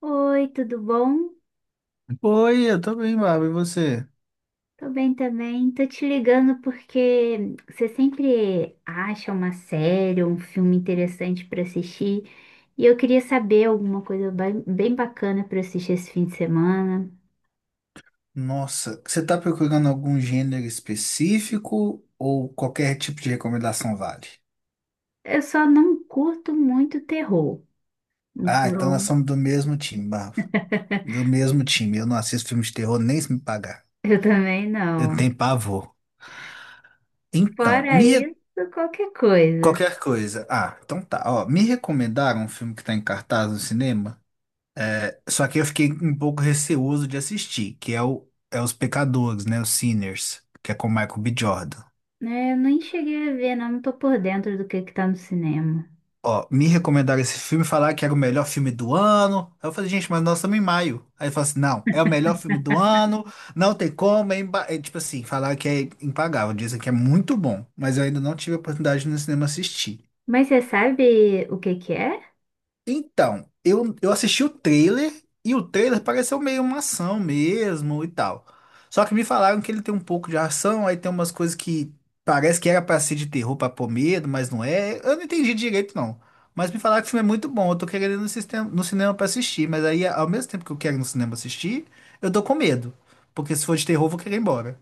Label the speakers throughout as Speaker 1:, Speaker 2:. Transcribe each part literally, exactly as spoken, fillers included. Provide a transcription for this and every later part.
Speaker 1: Oi, tudo bom?
Speaker 2: Oi, eu tô bem, Bárbara. E você?
Speaker 1: Tô bem também. Tô te ligando porque você sempre acha uma série ou um filme interessante pra assistir e eu queria saber alguma coisa bem, bem bacana pra assistir esse fim de semana.
Speaker 2: Nossa, você tá procurando algum gênero específico ou qualquer tipo de recomendação vale?
Speaker 1: Eu só não curto muito terror,
Speaker 2: Ah, então nós
Speaker 1: então
Speaker 2: somos do mesmo time, Bárbara. Do mesmo time. Eu não assisto filme de terror nem se me pagar.
Speaker 1: eu também
Speaker 2: Eu
Speaker 1: não.
Speaker 2: tenho pavor. Então,
Speaker 1: Fora
Speaker 2: me... re-
Speaker 1: isso, qualquer coisa.
Speaker 2: qualquer coisa. Ah, então tá. Ó, me recomendaram um filme que tá em cartaz no cinema, só que eu fiquei um pouco receoso de assistir, que é o é Os Pecadores, né? Os Sinners, que é com o Michael B. Jordan.
Speaker 1: É, eu nem cheguei a ver, não, não tô por dentro do que que tá no cinema.
Speaker 2: Ó, me recomendaram esse filme, falaram que era o melhor filme do ano. Aí eu falei, gente, mas nós estamos em maio. Aí ele falou assim, não, é o melhor filme do ano, não tem como, é, imba- é, tipo assim, falaram que é impagável, dizem que é muito bom, mas eu ainda não tive a oportunidade de ir no cinema assistir.
Speaker 1: Mas você sabe o que que é?
Speaker 2: Então, eu, eu assisti o trailer e o trailer pareceu meio uma ação mesmo e tal. Só que me falaram que ele tem um pouco de ação, aí tem umas coisas que parece que era pra ser de terror pra pôr medo, mas não é. Eu não entendi direito, não. Mas me falaram que o filme é muito bom, eu tô querendo ir no, sistema, no cinema pra assistir, mas aí ao mesmo tempo que eu quero ir no cinema assistir, eu tô com medo. Porque se for de terror, eu vou querer ir embora.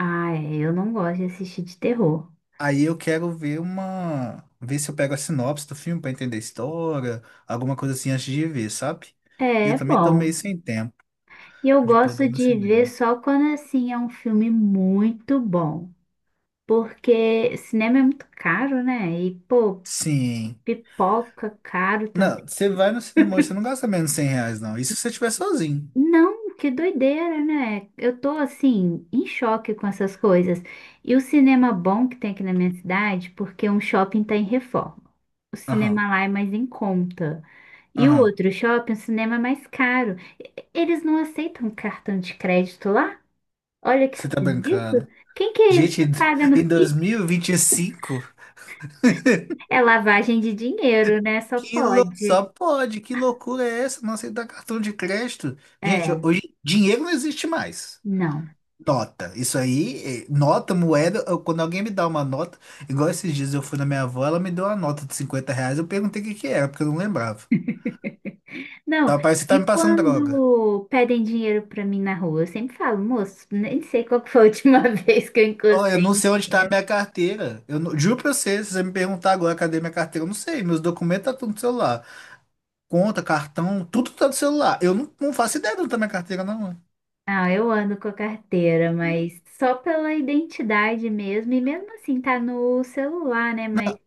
Speaker 1: Ah, é, eu não gosto de assistir de terror.
Speaker 2: Aí eu quero ver uma. Ver se eu pego a sinopse do filme pra entender a história, alguma coisa assim antes de ver, sabe? E
Speaker 1: É,
Speaker 2: eu
Speaker 1: é
Speaker 2: também tô meio
Speaker 1: bom.
Speaker 2: sem tempo
Speaker 1: E eu
Speaker 2: de poder
Speaker 1: gosto
Speaker 2: ir no
Speaker 1: de ver
Speaker 2: cinema.
Speaker 1: só quando assim é um filme muito bom. Porque cinema é muito caro, né? E, pô,
Speaker 2: Sim.
Speaker 1: pipoca caro também.
Speaker 2: Não, você vai no cinema hoje, você não gasta menos de cem reais, não. Isso se você estiver sozinho.
Speaker 1: Não, que doideira, né? Eu tô assim, em choque com essas coisas. E o cinema bom que tem aqui na minha cidade, porque um shopping tá em reforma. O
Speaker 2: Aham,
Speaker 1: cinema lá é mais em conta. E o
Speaker 2: aham.
Speaker 1: outro shopping, o cinema é mais caro. Eles não aceitam cartão de crédito lá? Olha que
Speaker 2: Você tá
Speaker 1: esquisito.
Speaker 2: brincando.
Speaker 1: Quem que,
Speaker 2: Gente,
Speaker 1: que
Speaker 2: em
Speaker 1: paga no
Speaker 2: em
Speaker 1: Pix?
Speaker 2: dois mil e e vinte e cinco,
Speaker 1: É lavagem de dinheiro, né? Só
Speaker 2: que lou... só
Speaker 1: pode.
Speaker 2: pode. Que loucura é essa? Não aceitar cartão de crédito. Gente,
Speaker 1: É,
Speaker 2: hoje dinheiro não existe mais.
Speaker 1: não.
Speaker 2: Nota. Isso aí, eh, nota, moeda. eu- Quando alguém me dá uma nota, igual esses dias eu fui na minha avó, ela me deu uma nota de cinquenta reais. Eu perguntei o que que era, porque eu não lembrava.
Speaker 1: Não,
Speaker 2: Tá, parece que tá
Speaker 1: e
Speaker 2: me passando droga.
Speaker 1: quando pedem dinheiro pra mim na rua, eu sempre falo, moço, nem sei qual que foi a última vez que eu
Speaker 2: Ó, eu
Speaker 1: encostei
Speaker 2: não
Speaker 1: em
Speaker 2: sei onde tá a
Speaker 1: dinheiro.
Speaker 2: minha carteira. Eu não- juro pra você, se você me perguntar agora cadê minha carteira, eu não sei. Meus documentos tá tudo no celular. Conta, cartão, tudo tá no celular. Eu não, não faço ideia de onde tá minha carteira, não.
Speaker 1: Ah, eu ando com a carteira, mas só pela identidade mesmo. E mesmo assim, tá no celular, né? Mas.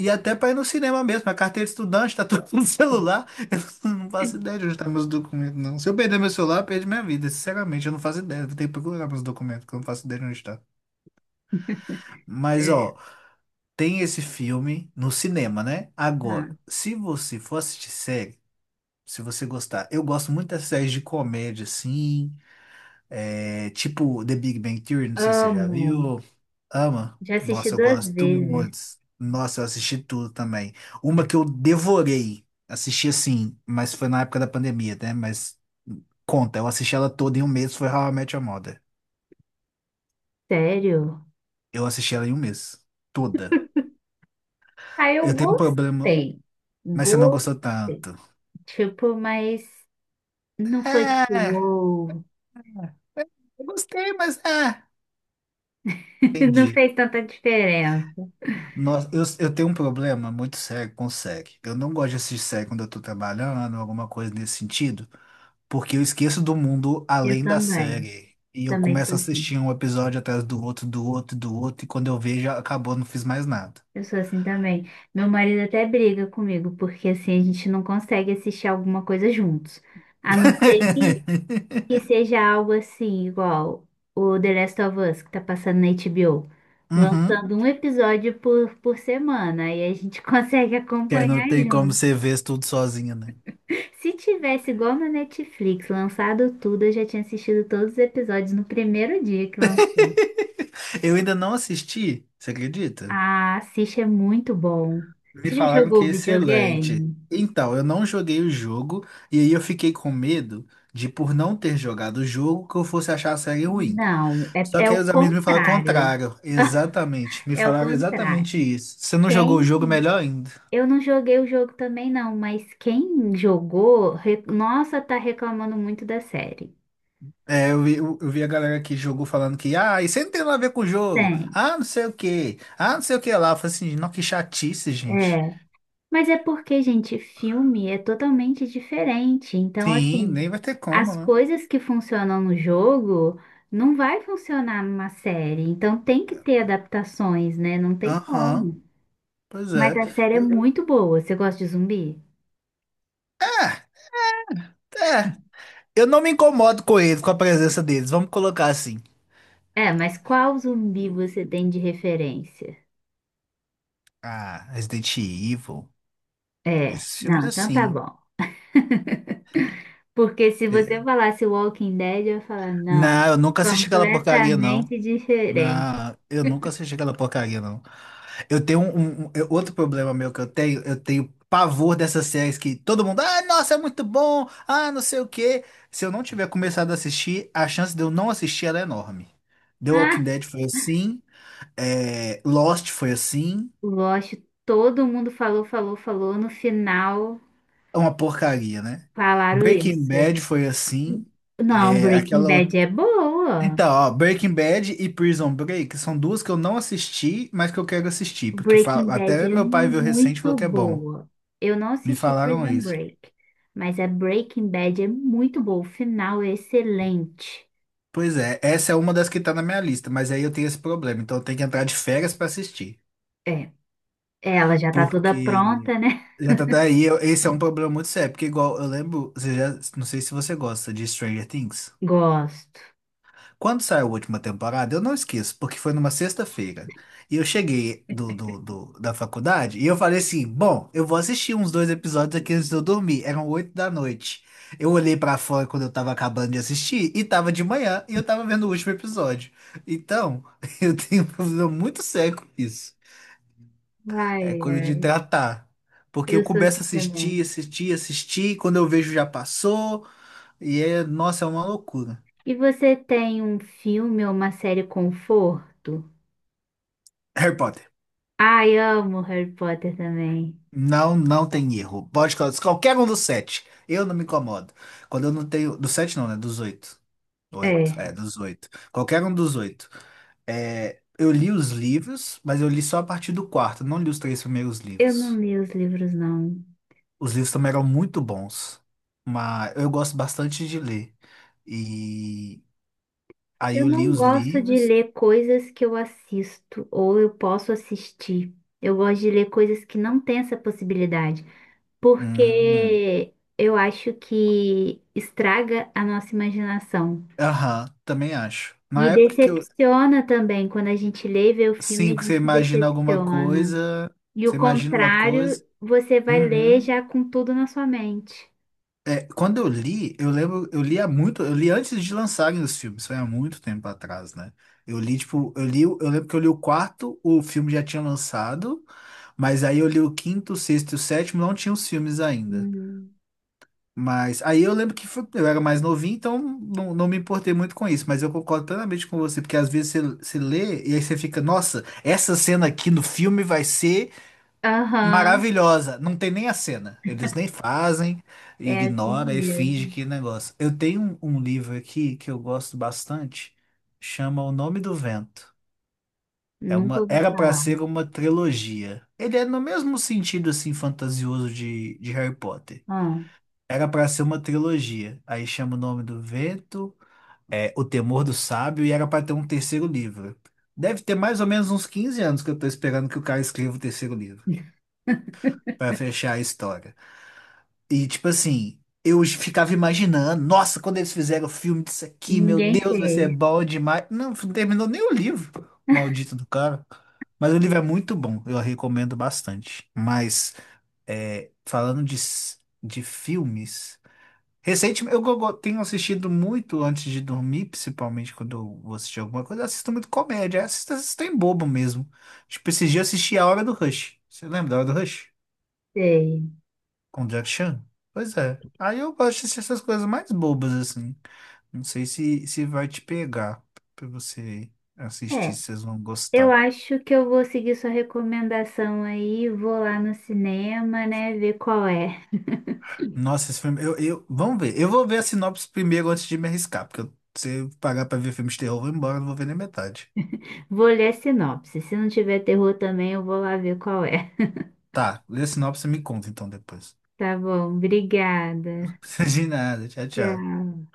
Speaker 2: E até para ir no cinema mesmo, a carteira de estudante tá tudo no celular. Eu não faço ideia de onde estão meus documentos, não. Se eu perder meu celular, eu perdi minha vida. Sinceramente, eu não faço ideia. Eu vou ter que procurar meus documentos, que eu não faço ideia de onde está. Mas,
Speaker 1: É,
Speaker 2: ó, tem esse filme no cinema, né?
Speaker 1: ah,
Speaker 2: Agora, se você for assistir série, se você gostar, eu gosto muito das séries de comédia, assim, é, tipo The Big Bang Theory, não sei se você já
Speaker 1: amo.
Speaker 2: viu. Ama?
Speaker 1: Já assisti
Speaker 2: Nossa, eu
Speaker 1: duas
Speaker 2: gosto
Speaker 1: vezes.
Speaker 2: muito. Nossa, eu assisti tudo também. Uma que eu devorei, assisti assim, mas foi na época da pandemia, né? Mas conta, eu assisti ela toda em um mês, foi How I Met Your Mother.
Speaker 1: Sério?
Speaker 2: Eu assisti ela em um mês, toda.
Speaker 1: Aí eu
Speaker 2: Eu tenho um problema,
Speaker 1: gostei.
Speaker 2: mas você não gostou
Speaker 1: Gostei.
Speaker 2: tanto.
Speaker 1: Tipo, mas não foi tipo,
Speaker 2: É,
Speaker 1: uou.
Speaker 2: eu gostei, mas é.
Speaker 1: Não
Speaker 2: Entendi.
Speaker 1: fez tanta diferença.
Speaker 2: Nossa, eu, eu tenho um problema muito sério com série. Eu não gosto de assistir série quando eu tô trabalhando, alguma coisa nesse sentido. Porque eu esqueço do mundo
Speaker 1: Eu
Speaker 2: além da
Speaker 1: também.
Speaker 2: série. E eu
Speaker 1: Também
Speaker 2: começo a
Speaker 1: sou assim.
Speaker 2: assistir um episódio atrás do outro, do outro, do outro, e quando eu vejo, acabou, não fiz mais nada.
Speaker 1: Eu sou assim também. Meu marido até briga comigo, porque assim a gente não consegue assistir alguma coisa juntos. A não ser que, que seja algo assim, igual o The Last of Us, que tá passando na H B O.
Speaker 2: Uhum.
Speaker 1: Lançando um episódio por, por semana. E a gente consegue
Speaker 2: Que aí não
Speaker 1: acompanhar.
Speaker 2: tem como você ver isso tudo sozinho, né?
Speaker 1: Se tivesse igual na Netflix, lançado tudo, eu já tinha assistido todos os episódios no primeiro dia que lançou.
Speaker 2: Eu ainda não assisti, você acredita?
Speaker 1: Ah, assiste, é muito bom.
Speaker 2: Me
Speaker 1: Você já
Speaker 2: falaram que
Speaker 1: jogou
Speaker 2: é excelente.
Speaker 1: videogame?
Speaker 2: Então, eu não joguei o jogo, e aí eu fiquei com medo de, por não ter jogado o jogo, que eu fosse achar a série ruim.
Speaker 1: Não, é,
Speaker 2: Só
Speaker 1: é
Speaker 2: que
Speaker 1: o
Speaker 2: aí os amigos me falaram o
Speaker 1: contrário.
Speaker 2: contrário. Exatamente. Me
Speaker 1: É o
Speaker 2: falaram
Speaker 1: contrário.
Speaker 2: exatamente isso. Você não jogou o
Speaker 1: Quem?
Speaker 2: jogo, melhor ainda.
Speaker 1: Eu não joguei o jogo também, não, mas quem jogou, re- nossa, tá reclamando muito da série.
Speaker 2: É, eu vi, eu, eu vi a galera que jogou falando que, ah, isso aí não tem nada a ver com o jogo.
Speaker 1: Tem.
Speaker 2: Ah, não sei o quê. Ah, não sei o que lá. Eu falei assim, não, que chatice, gente.
Speaker 1: É. Mas é porque, gente, filme é totalmente diferente. Então,
Speaker 2: Sim,
Speaker 1: assim,
Speaker 2: nem vai ter como,
Speaker 1: as
Speaker 2: né?
Speaker 1: coisas que funcionam no jogo não vai funcionar numa série. Então, tem que ter adaptações, né? Não tem
Speaker 2: Aham,
Speaker 1: como.
Speaker 2: pois
Speaker 1: Mas
Speaker 2: é.
Speaker 1: a série é
Speaker 2: Eu,
Speaker 1: muito boa. Você gosta de zumbi?
Speaker 2: é, é. Eu não me incomodo com eles, com a presença deles. Vamos colocar assim.
Speaker 1: É, mas qual zumbi você tem de referência?
Speaker 2: Ah, Resident Evil.
Speaker 1: É,
Speaker 2: Esses filmes
Speaker 1: não, então tá
Speaker 2: assim.
Speaker 1: bom. Porque se você falasse Walking Dead, eu ia falar,
Speaker 2: Não,
Speaker 1: não,
Speaker 2: eu nunca assisti aquela porcaria, não.
Speaker 1: completamente diferente.
Speaker 2: Na, eu nunca assisti aquela porcaria, não. Eu tenho um, um- um, eu- outro problema meu que eu tenho, eu tenho, pavor dessas séries que todo mundo, ah, nossa, é muito bom, ah, não sei o quê. Se eu não tiver começado a assistir, a chance de eu não assistir ela é enorme. The Walking Dead foi assim, é, Lost foi assim,
Speaker 1: O Lost, todo mundo falou, falou, falou. No final,
Speaker 2: é uma porcaria, né?
Speaker 1: falaram
Speaker 2: Breaking
Speaker 1: isso.
Speaker 2: Bad foi assim,
Speaker 1: Não,
Speaker 2: é,
Speaker 1: Breaking
Speaker 2: aquela outra.
Speaker 1: Bad é boa.
Speaker 2: Então, ó, Breaking Bad e Prison Break são duas que eu não assisti, mas que eu quero assistir, porque fa-
Speaker 1: Breaking Bad
Speaker 2: até
Speaker 1: é
Speaker 2: meu pai viu recente e falou
Speaker 1: muito
Speaker 2: que é bom.
Speaker 1: boa. Eu não
Speaker 2: Me
Speaker 1: assisti
Speaker 2: falaram
Speaker 1: Prison
Speaker 2: isso.
Speaker 1: Break, mas a Breaking Bad é muito boa. O final é excelente.
Speaker 2: Pois é, essa é uma das que tá na minha lista, mas aí eu tenho esse problema, então eu tenho que entrar de férias pra assistir.
Speaker 1: É, ela já tá toda
Speaker 2: Porque
Speaker 1: pronta, né?
Speaker 2: já tá daí, eu- esse é um problema muito sério, porque igual eu lembro, você já, não sei se você gosta de Stranger Things.
Speaker 1: Gosto.
Speaker 2: Quando saiu a última temporada, eu não esqueço, porque foi numa sexta-feira. E eu cheguei do, do, do- da faculdade e eu falei assim: bom, eu vou assistir uns dois episódios aqui antes de eu dormir. Eram oito da noite. Eu olhei pra fora quando eu tava acabando de assistir e tava de manhã e eu tava vendo o último episódio. Então, eu tenho um problema muito sério com isso.
Speaker 1: Ai,
Speaker 2: É coisa de
Speaker 1: ai,
Speaker 2: tratar. Porque eu
Speaker 1: eu sou
Speaker 2: começo
Speaker 1: assim
Speaker 2: a assistir,
Speaker 1: também.
Speaker 2: assistir, assistir, quando eu vejo já passou. E é, nossa, é uma loucura.
Speaker 1: E você tem um filme ou uma série conforto?
Speaker 2: Harry Potter.
Speaker 1: Ai, amo Harry Potter também.
Speaker 2: Não, não tem erro. Pode colocar qualquer um dos sete. Eu não me incomodo. Quando eu não tenho. Dos sete não, né? Dos oito. Oito.
Speaker 1: É,
Speaker 2: É, dos oito. Qualquer um dos oito. É, eu li os livros, mas eu li só a partir do quarto. Não li os três primeiros
Speaker 1: eu não
Speaker 2: livros.
Speaker 1: li os livros, não.
Speaker 2: Os livros também eram muito bons. Mas eu gosto bastante de ler. E aí
Speaker 1: Eu
Speaker 2: eu li
Speaker 1: não
Speaker 2: os
Speaker 1: gosto de
Speaker 2: livros.
Speaker 1: ler coisas que eu assisto ou eu posso assistir. Eu gosto de ler coisas que não têm essa possibilidade,
Speaker 2: Hum,
Speaker 1: porque eu acho que estraga a nossa imaginação.
Speaker 2: Aham, também acho. Na
Speaker 1: E
Speaker 2: época que eu.
Speaker 1: decepciona também, quando a gente lê e vê o filme,
Speaker 2: Sim,
Speaker 1: a
Speaker 2: que você
Speaker 1: gente se
Speaker 2: imagina alguma
Speaker 1: decepciona.
Speaker 2: coisa.
Speaker 1: E o
Speaker 2: Você imagina uma
Speaker 1: contrário,
Speaker 2: coisa.
Speaker 1: você vai ler
Speaker 2: Uhum.
Speaker 1: já com tudo na sua mente.
Speaker 2: É, quando eu li, eu lembro, eu li há muito, eu li antes de lançarem os filmes, foi há muito tempo atrás, né? Eu li, tipo, eu li, o- eu lembro que eu li o quarto, o filme já tinha lançado, mas aí eu li o quinto, o sexto e o sétimo, não tinha os filmes ainda.
Speaker 1: Uhum.
Speaker 2: Mas aí eu lembro que foi- eu era mais novinho, então não, não me importei muito com isso, mas eu concordo plenamente com você, porque às vezes você, você lê e aí você fica, nossa, essa cena aqui no filme vai ser
Speaker 1: Aham,
Speaker 2: Maravilhosa. Não tem nem a cena. Eles nem fazem,
Speaker 1: é assim
Speaker 2: ignora e finge
Speaker 1: mesmo.
Speaker 2: que negócio. Eu tenho um, um livro aqui que eu gosto bastante, chama O Nome do Vento. É
Speaker 1: Nunca
Speaker 2: uma,
Speaker 1: ouvi
Speaker 2: era para
Speaker 1: falar.
Speaker 2: ser uma trilogia. Ele é no mesmo sentido assim fantasioso de, de Harry Potter.
Speaker 1: Ah,
Speaker 2: Era para ser uma trilogia. Aí chama O Nome do Vento, é O Temor do Sábio e era para ter um terceiro livro. Deve ter mais ou menos uns quinze anos que eu tô esperando que o cara escreva o terceiro livro
Speaker 1: ninguém
Speaker 2: para fechar a história. E tipo assim, eu ficava imaginando, nossa, quando eles fizeram o filme disso aqui, meu Deus, vai ser
Speaker 1: fez,
Speaker 2: bom demais. Não, não terminou nem o livro, maldito do cara. Mas o livro é muito bom, eu recomendo bastante. Mas é, falando de, s- de filmes, recentemente eu go- go- tenho assistido muito antes de dormir, principalmente quando eu vou assistir alguma coisa, eu assisto muito comédia, eu assisto, assisto em bobo mesmo. Tipo, esses dias eu assisti A Hora do Rush. Você lembra da Hora do Rush?
Speaker 1: sei.
Speaker 2: Conjunction? Pois é. Aí eu gosto de assistir essas coisas mais bobas, assim. Não sei se, se vai te pegar pra você assistir,
Speaker 1: É,
Speaker 2: se vocês vão
Speaker 1: eu
Speaker 2: gostar.
Speaker 1: acho que eu vou seguir sua recomendação aí, vou lá no cinema, né, ver qual é.
Speaker 2: Nossa, esse filme. Eu, eu, vamos ver. Eu vou ver a sinopse primeiro antes de me arriscar, porque eu- se eu pagar pra ver filme de terror, eu vou embora, não vou ver nem metade.
Speaker 1: Vou ler a sinopse. Se não tiver terror também, eu vou lá ver qual é.
Speaker 2: Tá, lê a sinopse e me conta então depois.
Speaker 1: Tá bom, obrigada.
Speaker 2: De nada, tchau, tchau.
Speaker 1: Tchau.